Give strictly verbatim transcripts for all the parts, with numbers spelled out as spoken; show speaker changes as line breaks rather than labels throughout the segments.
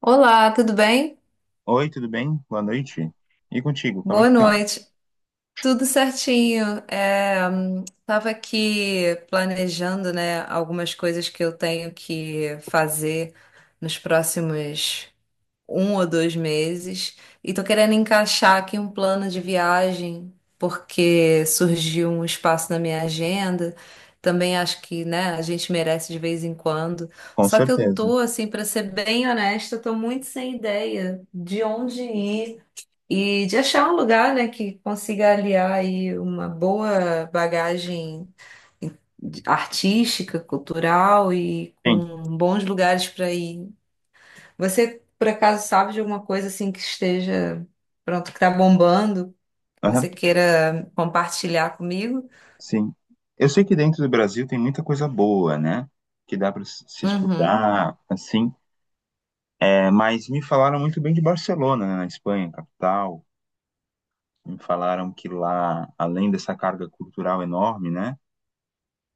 Olá, tudo bem?
Oi, tudo bem? Boa noite. E contigo, como é
Boa
que tá?
noite. Tudo certinho. É, hum, tava aqui planejando, né, algumas coisas que eu tenho que fazer nos próximos um ou dois meses e tô querendo encaixar aqui um plano de viagem porque surgiu um espaço na minha agenda. Também acho que, né, a gente merece de vez em quando.
Com
Só que eu
certeza.
tô, assim, para ser bem honesta, eu tô muito sem ideia de onde ir. E de achar um lugar, né, que consiga aliar aí uma boa bagagem artística, cultural e
Sim.
com bons lugares para ir. Você, por acaso, sabe de alguma coisa assim que esteja pronto, que está bombando, que você
Aham,
queira compartilhar comigo?
sim. Eu sei que dentro do Brasil tem muita coisa boa, né? Que dá para se
Uhum,
explorar, assim. É, mas me falaram muito bem de Barcelona, né, na Espanha, capital. Me falaram que lá, além dessa carga cultural enorme, né?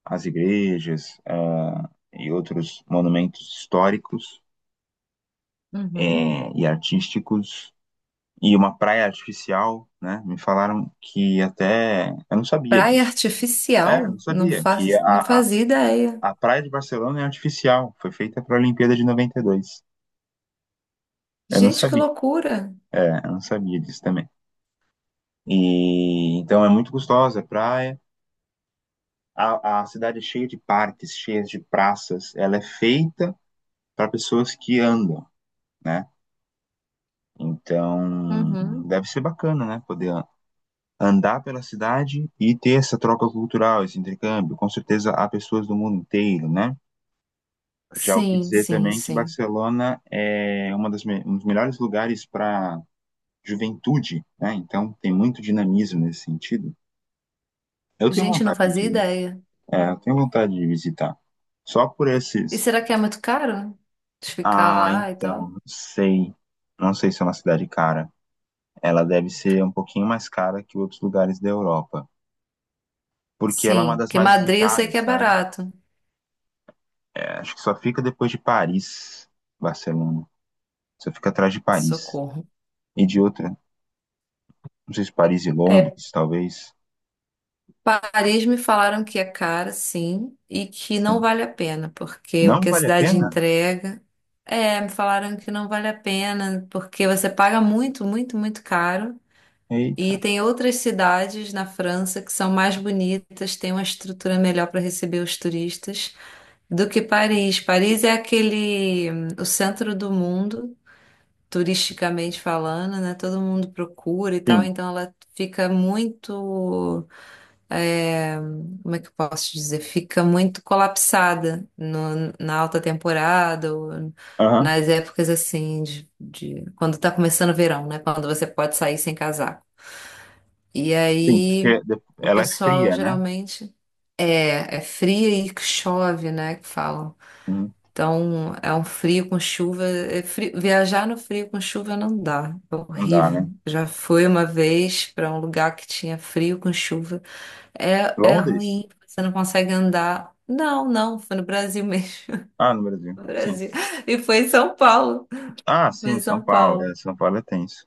As igrejas ah, e outros monumentos históricos
uhum.
eh, e artísticos e uma praia artificial, né? Me falaram que até eu não sabia
Praia
disso. É, não
artificial? Não
sabia que
faz, não
a, a,
fazia ideia.
a praia de Barcelona é artificial, foi feita para a Olimpíada de noventa e dois. Eu não
Gente, que
sabia.
loucura!
É, eu não sabia disso também. E então é muito gostosa a praia. A, a cidade é cheia de parques, cheia de praças. Ela é feita para pessoas que andam, né? Então,
Uhum.
deve ser bacana, né? Poder a- andar pela cidade e ter essa troca cultural, esse intercâmbio. Com certeza há pessoas do mundo inteiro, né? Já ouvi
Sim,
dizer
sim,
também que
sim.
Barcelona é uma das me- um dos melhores lugares para juventude, né? Então, tem muito dinamismo nesse sentido. Eu tenho
Gente, não
vontade
fazia
de,
ideia.
é, eu tenho vontade de visitar. Só por
E
esses.
será que é muito caro? De ficar
Ah,
lá e
então,
tal?
não sei. Não sei se é uma cidade cara. Ela deve ser um pouquinho mais cara que outros lugares da Europa, porque ela é uma
Sim,
das
porque
mais
Madrid eu sei que
visitadas,
é
sabe?
barato.
É, acho que só fica depois de Paris, Barcelona. Só fica atrás de Paris.
Socorro.
E de outra, não sei se Paris e
É,
Londres, talvez.
Paris me falaram que é cara, sim, e que não
Sim.
vale a pena, porque o
Não
que a
vale a
cidade
pena?
entrega. É, me falaram que não vale a pena, porque você paga muito, muito, muito caro. E
Eita.
tem outras cidades na França que são mais bonitas, têm uma estrutura melhor para receber os turistas do que Paris. Paris é aquele, hum, o centro do mundo, turisticamente falando, né? Todo mundo procura e tal,
Sim.
então ela fica muito, é, como é que eu posso dizer? Fica muito colapsada no- na alta temporada ou
Aham.
nas épocas assim de, de- quando tá começando o verão, né? Quando você pode sair sem casaco. E
Sim,
aí
porque de-
o
ela é
pessoal
fria, né?
geralmente é, é fria e que chove, né? Que falam.
Hum.
Então, é um frio com chuva. é frio- Viajar no frio com chuva não dá, é
Não dá, né?
horrível. Já fui uma vez para um lugar que tinha frio com chuva. É, é
Londres?
ruim, você não consegue andar. Não, não, foi no Brasil mesmo.
Ah, no Brasil.
No
Sim.
Brasil. E foi em São Paulo.
Ah,
Foi
sim,
em
São
São
Paulo.
Paulo.
É, São Paulo é tenso.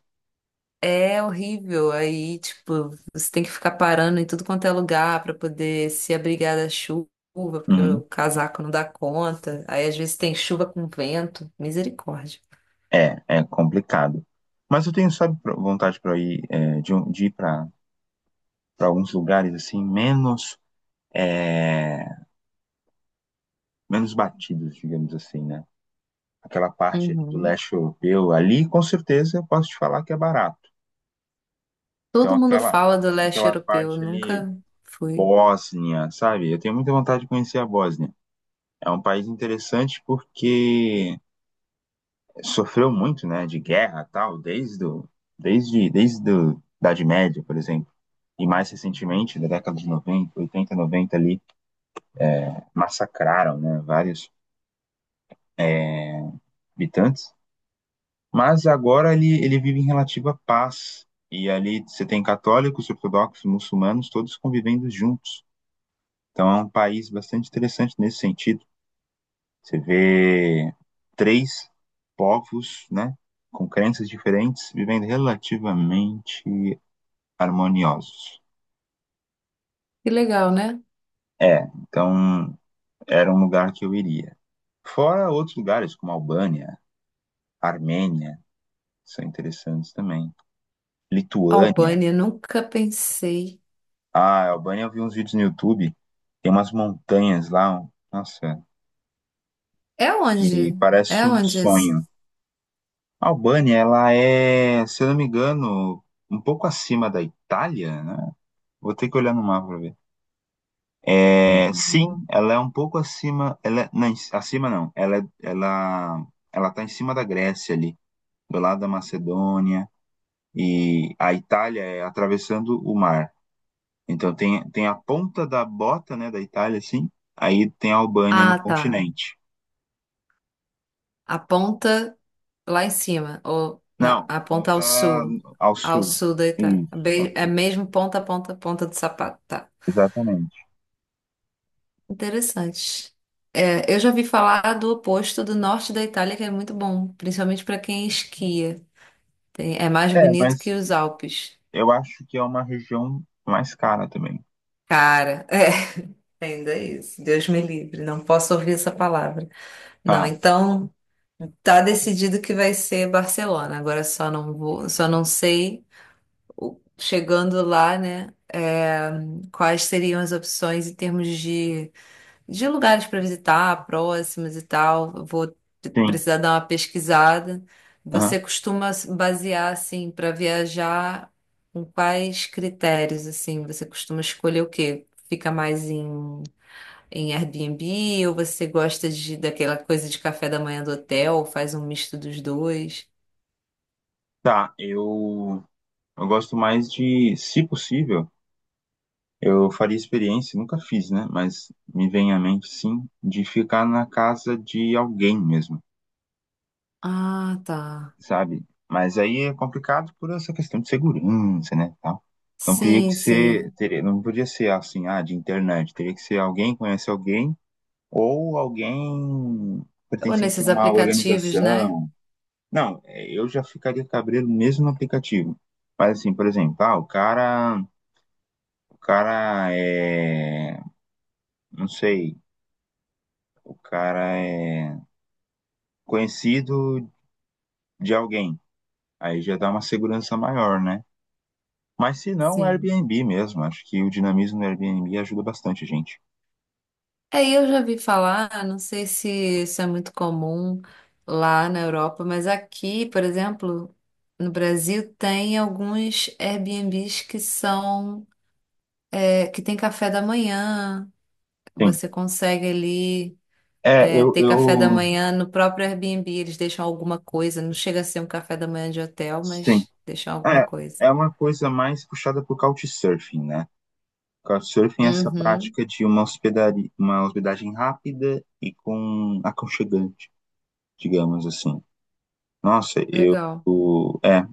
É horrível. Aí, tipo, você tem que ficar parando em tudo quanto é lugar para poder se abrigar da chuva. Porque o
Uhum.
casaco não dá conta. Aí às vezes tem chuva com vento. Misericórdia.
É, é complicado. Mas eu tenho, sabe, pro- vontade para ir, é, de, um- de ir para alguns lugares assim, menos. é, menos batidos, digamos assim, né? Aquela parte ali do
Uhum.
leste europeu, ali com certeza eu posso te falar que é barato. Então
Todo mundo
aquela
fala do leste
aquela
europeu, eu
parte ali
nunca fui.
Bósnia, sabe? Eu tenho muita vontade de conhecer a Bósnia. É um país interessante porque sofreu muito, né, de guerra, e tal, desde o, desde desde do, da Idade Média, por exemplo. E mais recentemente, da década de noventa oitenta noventa ali, massacraram, né, vários habitantes. Mas agora ele, ele vive em relativa paz. E ali você tem católicos, ortodoxos, muçulmanos, todos convivendo juntos. Então é um país bastante interessante nesse sentido. Você vê três povos, né, com crenças diferentes, vivendo relativamente harmoniosos.
Que legal, né?
É, então era um lugar que eu iria. Fora outros lugares como Albânia, Armênia, são interessantes também. Lituânia.
Albânia, nunca pensei.
Ah, Albânia, eu vi uns vídeos no YouTube. Tem umas montanhas lá, um- nossa,
É
que
onde? É
parece um
onde isso?
sonho. A Albânia, ela é, se eu não me engano, um pouco acima da Itália, né? Vou ter que olhar no mapa pra ver. É, sim,
Uhum.
ela é um pouco acima, ela é- não, em- acima não. Ela é- ela ela tá em cima da Grécia ali, do lado da Macedônia e a Itália é atravessando o mar. Então tem, tem a ponta da bota, né, da Itália, assim, aí tem a Albânia no
Ah, tá.
continente.
A ponta lá em cima, ou não,
Não,
a
a
ponta
ponta
ao sul,
ao
ao
sul.
sul da Itália.
Isso, ao
Be- É
sul,
mesmo ponta, ponta, ponta do sapato. Tá.
exatamente.
Interessante. É, eu já vi falar do oposto do norte da Itália, que é muito bom, principalmente para quem esquia. Tem- é mais
É,
bonito que
mas
os Alpes.
eu acho que é uma região mais cara também.
Cara, é, ainda é isso. Deus me livre, não posso ouvir essa palavra. Não,
Ah,
então tá decidido que vai ser Barcelona. Agora só não vou, só não sei o- chegando lá, né? É, quais seriam as opções em termos de, de lugares para visitar, próximos e tal. Eu Vou t-
sim.
precisar dar uma pesquisada.
Aham.
Você costuma se basear assim para viajar com quais critérios assim? Você costuma escolher o quê? Fica mais em em Airbnb ou você gosta de daquela coisa de café da manhã do hotel, faz um misto dos dois?
Tá, eu, eu gosto mais de, se possível, eu faria experiência, nunca fiz, né? Mas me vem à mente, sim, de ficar na casa de alguém mesmo.
Ah, tá.
Sabe? Mas aí é complicado por essa questão de segurança, né, tal. Então teria que
Sim,
ser,
sim.
teria, não podia ser assim, ah, de internet, teria que ser alguém que conhece alguém ou alguém
Ou
pertencente a
nesses
uma
aplicativos, né?
organização. Não, é, eu já ficaria cabreiro mesmo no aplicativo. Mas assim, por exemplo, ah, o cara, o cara é, não sei, o cara é conhecido de alguém. Aí já dá uma segurança maior, né? Mas se não,
Sim.
Airbnb mesmo. Acho que o dinamismo do Airbnb ajuda bastante a gente.
É, eu já vi falar, não sei se isso é muito comum lá na Europa, mas aqui, por exemplo, no Brasil tem alguns Airbnbs que são, é, que tem café da manhã.
Sim.
Você consegue ali.
É,
É,
eu,
ter café da
eu,
manhã no próprio Airbnb, eles deixam alguma coisa. Não chega a ser um café da manhã de hotel,
sim.
mas deixam alguma
É,
coisa.
é uma coisa mais puxada por Couchsurfing, né? Couchsurfing é essa
Uhum,
prática de uma hospedaria, uma hospedagem rápida e com aconchegante, digamos assim. Nossa, eu,
legal.
o é,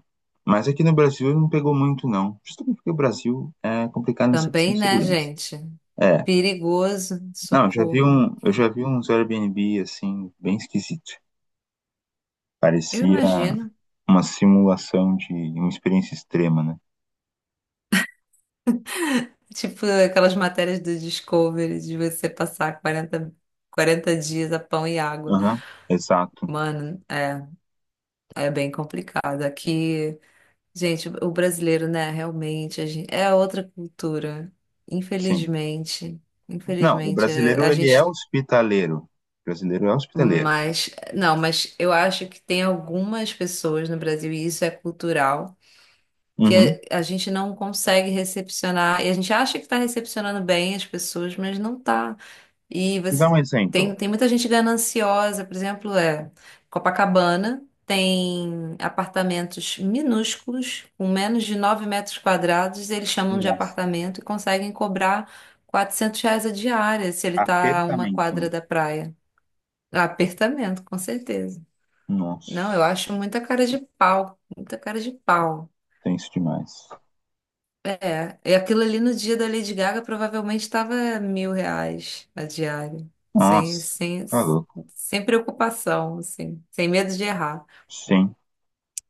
mas aqui no Brasil não pegou muito não. Justamente porque o Brasil é complicado nessa questão
Também,
de
né,
segurança.
gente?
É,
Perigoso,
não, eu já vi
socorro.
um, eu já vi uns Airbnb assim bem esquisito.
Eu
Parecia
imagino.
uma simulação de uma experiência extrema, né?
Tipo aquelas matérias do Discovery de você passar quarenta quarenta dias a pão e água.
Aham, exato.
Mano, é, é bem complicado. Aqui. Gente, o brasileiro, né? Realmente, a gente, é outra cultura.
Sim.
Infelizmente,
Não, o
infelizmente, é-
brasileiro,
a
ele é
gente.
hospitaleiro. O brasileiro é hospitaleiro.
Mas, não, mas eu acho que tem algumas pessoas no Brasil, e isso é cultural, que
Uhum.
a, a gente não consegue recepcionar, e a gente acha que está recepcionando bem as pessoas, mas não está. E
Me dá
você
um
tem,
exemplo.
tem muita gente gananciosa, por exemplo, é Copacabana tem apartamentos minúsculos, com menos de nove metros quadrados, eles chamam de
Nossa,
apartamento e conseguem cobrar quatrocentos reais a diária se ele está a uma
apertamento, né?
quadra da praia. Apertamento, com certeza. Não, eu
Nossa,
acho muita cara de pau, muita cara de pau.
tenso demais.
É, e aquilo ali no dia da Lady Gaga provavelmente estava mil reais a diária, sem,
Nossa,
sem,
tá louco.
sem preocupação, assim, sem medo de errar.
Sim.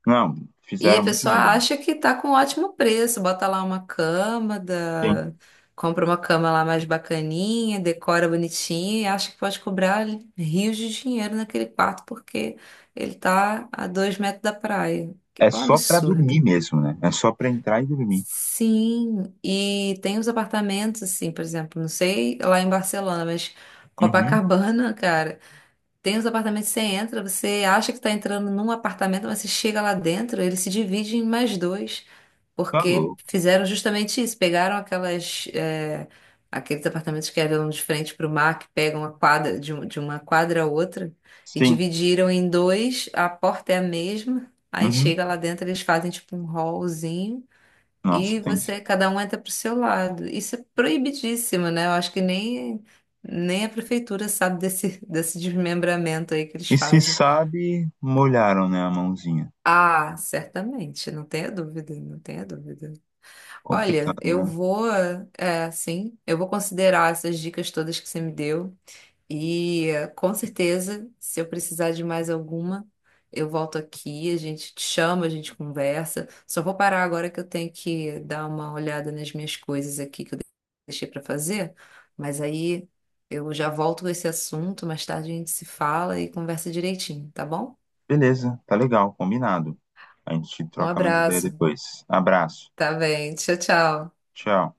Não,
E a
fizeram muito
pessoa
dinheiro, né?
acha que tá com um ótimo preço, bota lá uma cama,
Sim.
da- compra uma cama lá mais bacaninha, decora bonitinho e acha que pode cobrar rios de dinheiro naquele quarto porque ele tá a dois metros da praia. Que-
É
É um
só pra dormir
absurdo.
mesmo, né? É só pra entrar e dormir.
Sim, e tem os apartamentos, assim, por exemplo, não sei lá em Barcelona, mas
Uhum,
Copacabana, cara, tem os apartamentos que você entra, você acha que tá entrando num apartamento, mas você chega lá dentro, ele se divide em mais dois,
tá
porque
louco.
fizeram justamente isso, pegaram aquelas, é, aqueles apartamentos que eram de frente para o mar, que pegam a quadra, de, um- de uma quadra a outra, e
Sim.
dividiram em dois, a porta é a mesma, aí
Uhum.
chega lá dentro, eles fazem tipo um hallzinho,
Nossa,
e
tem.
você, cada um entra pro seu lado. Isso é proibidíssimo, né? Eu acho que nem, nem a prefeitura sabe desse, desse desmembramento aí que eles
E se
fazem.
sabe, molharam, né, a mãozinha.
Ah, certamente, não tenha dúvida, não tenha dúvida.
Complicado,
Olha, eu
né?
vou, é, sim, eu vou considerar essas dicas todas que você me deu. E eh, com certeza, se eu precisar de mais alguma, eu volto aqui, a gente te chama, a gente conversa. Só vou parar agora que eu tenho que dar uma olhada nas minhas coisas aqui que eu deixei para fazer, mas aí eu já volto com esse assunto, mais tarde a gente se fala e conversa direitinho, tá bom?
Beleza, tá legal, combinado. A gente
Um
troca mais ideia
abraço.
depois. Abraço.
Tá bem. Tchau, tchau.
Tchau.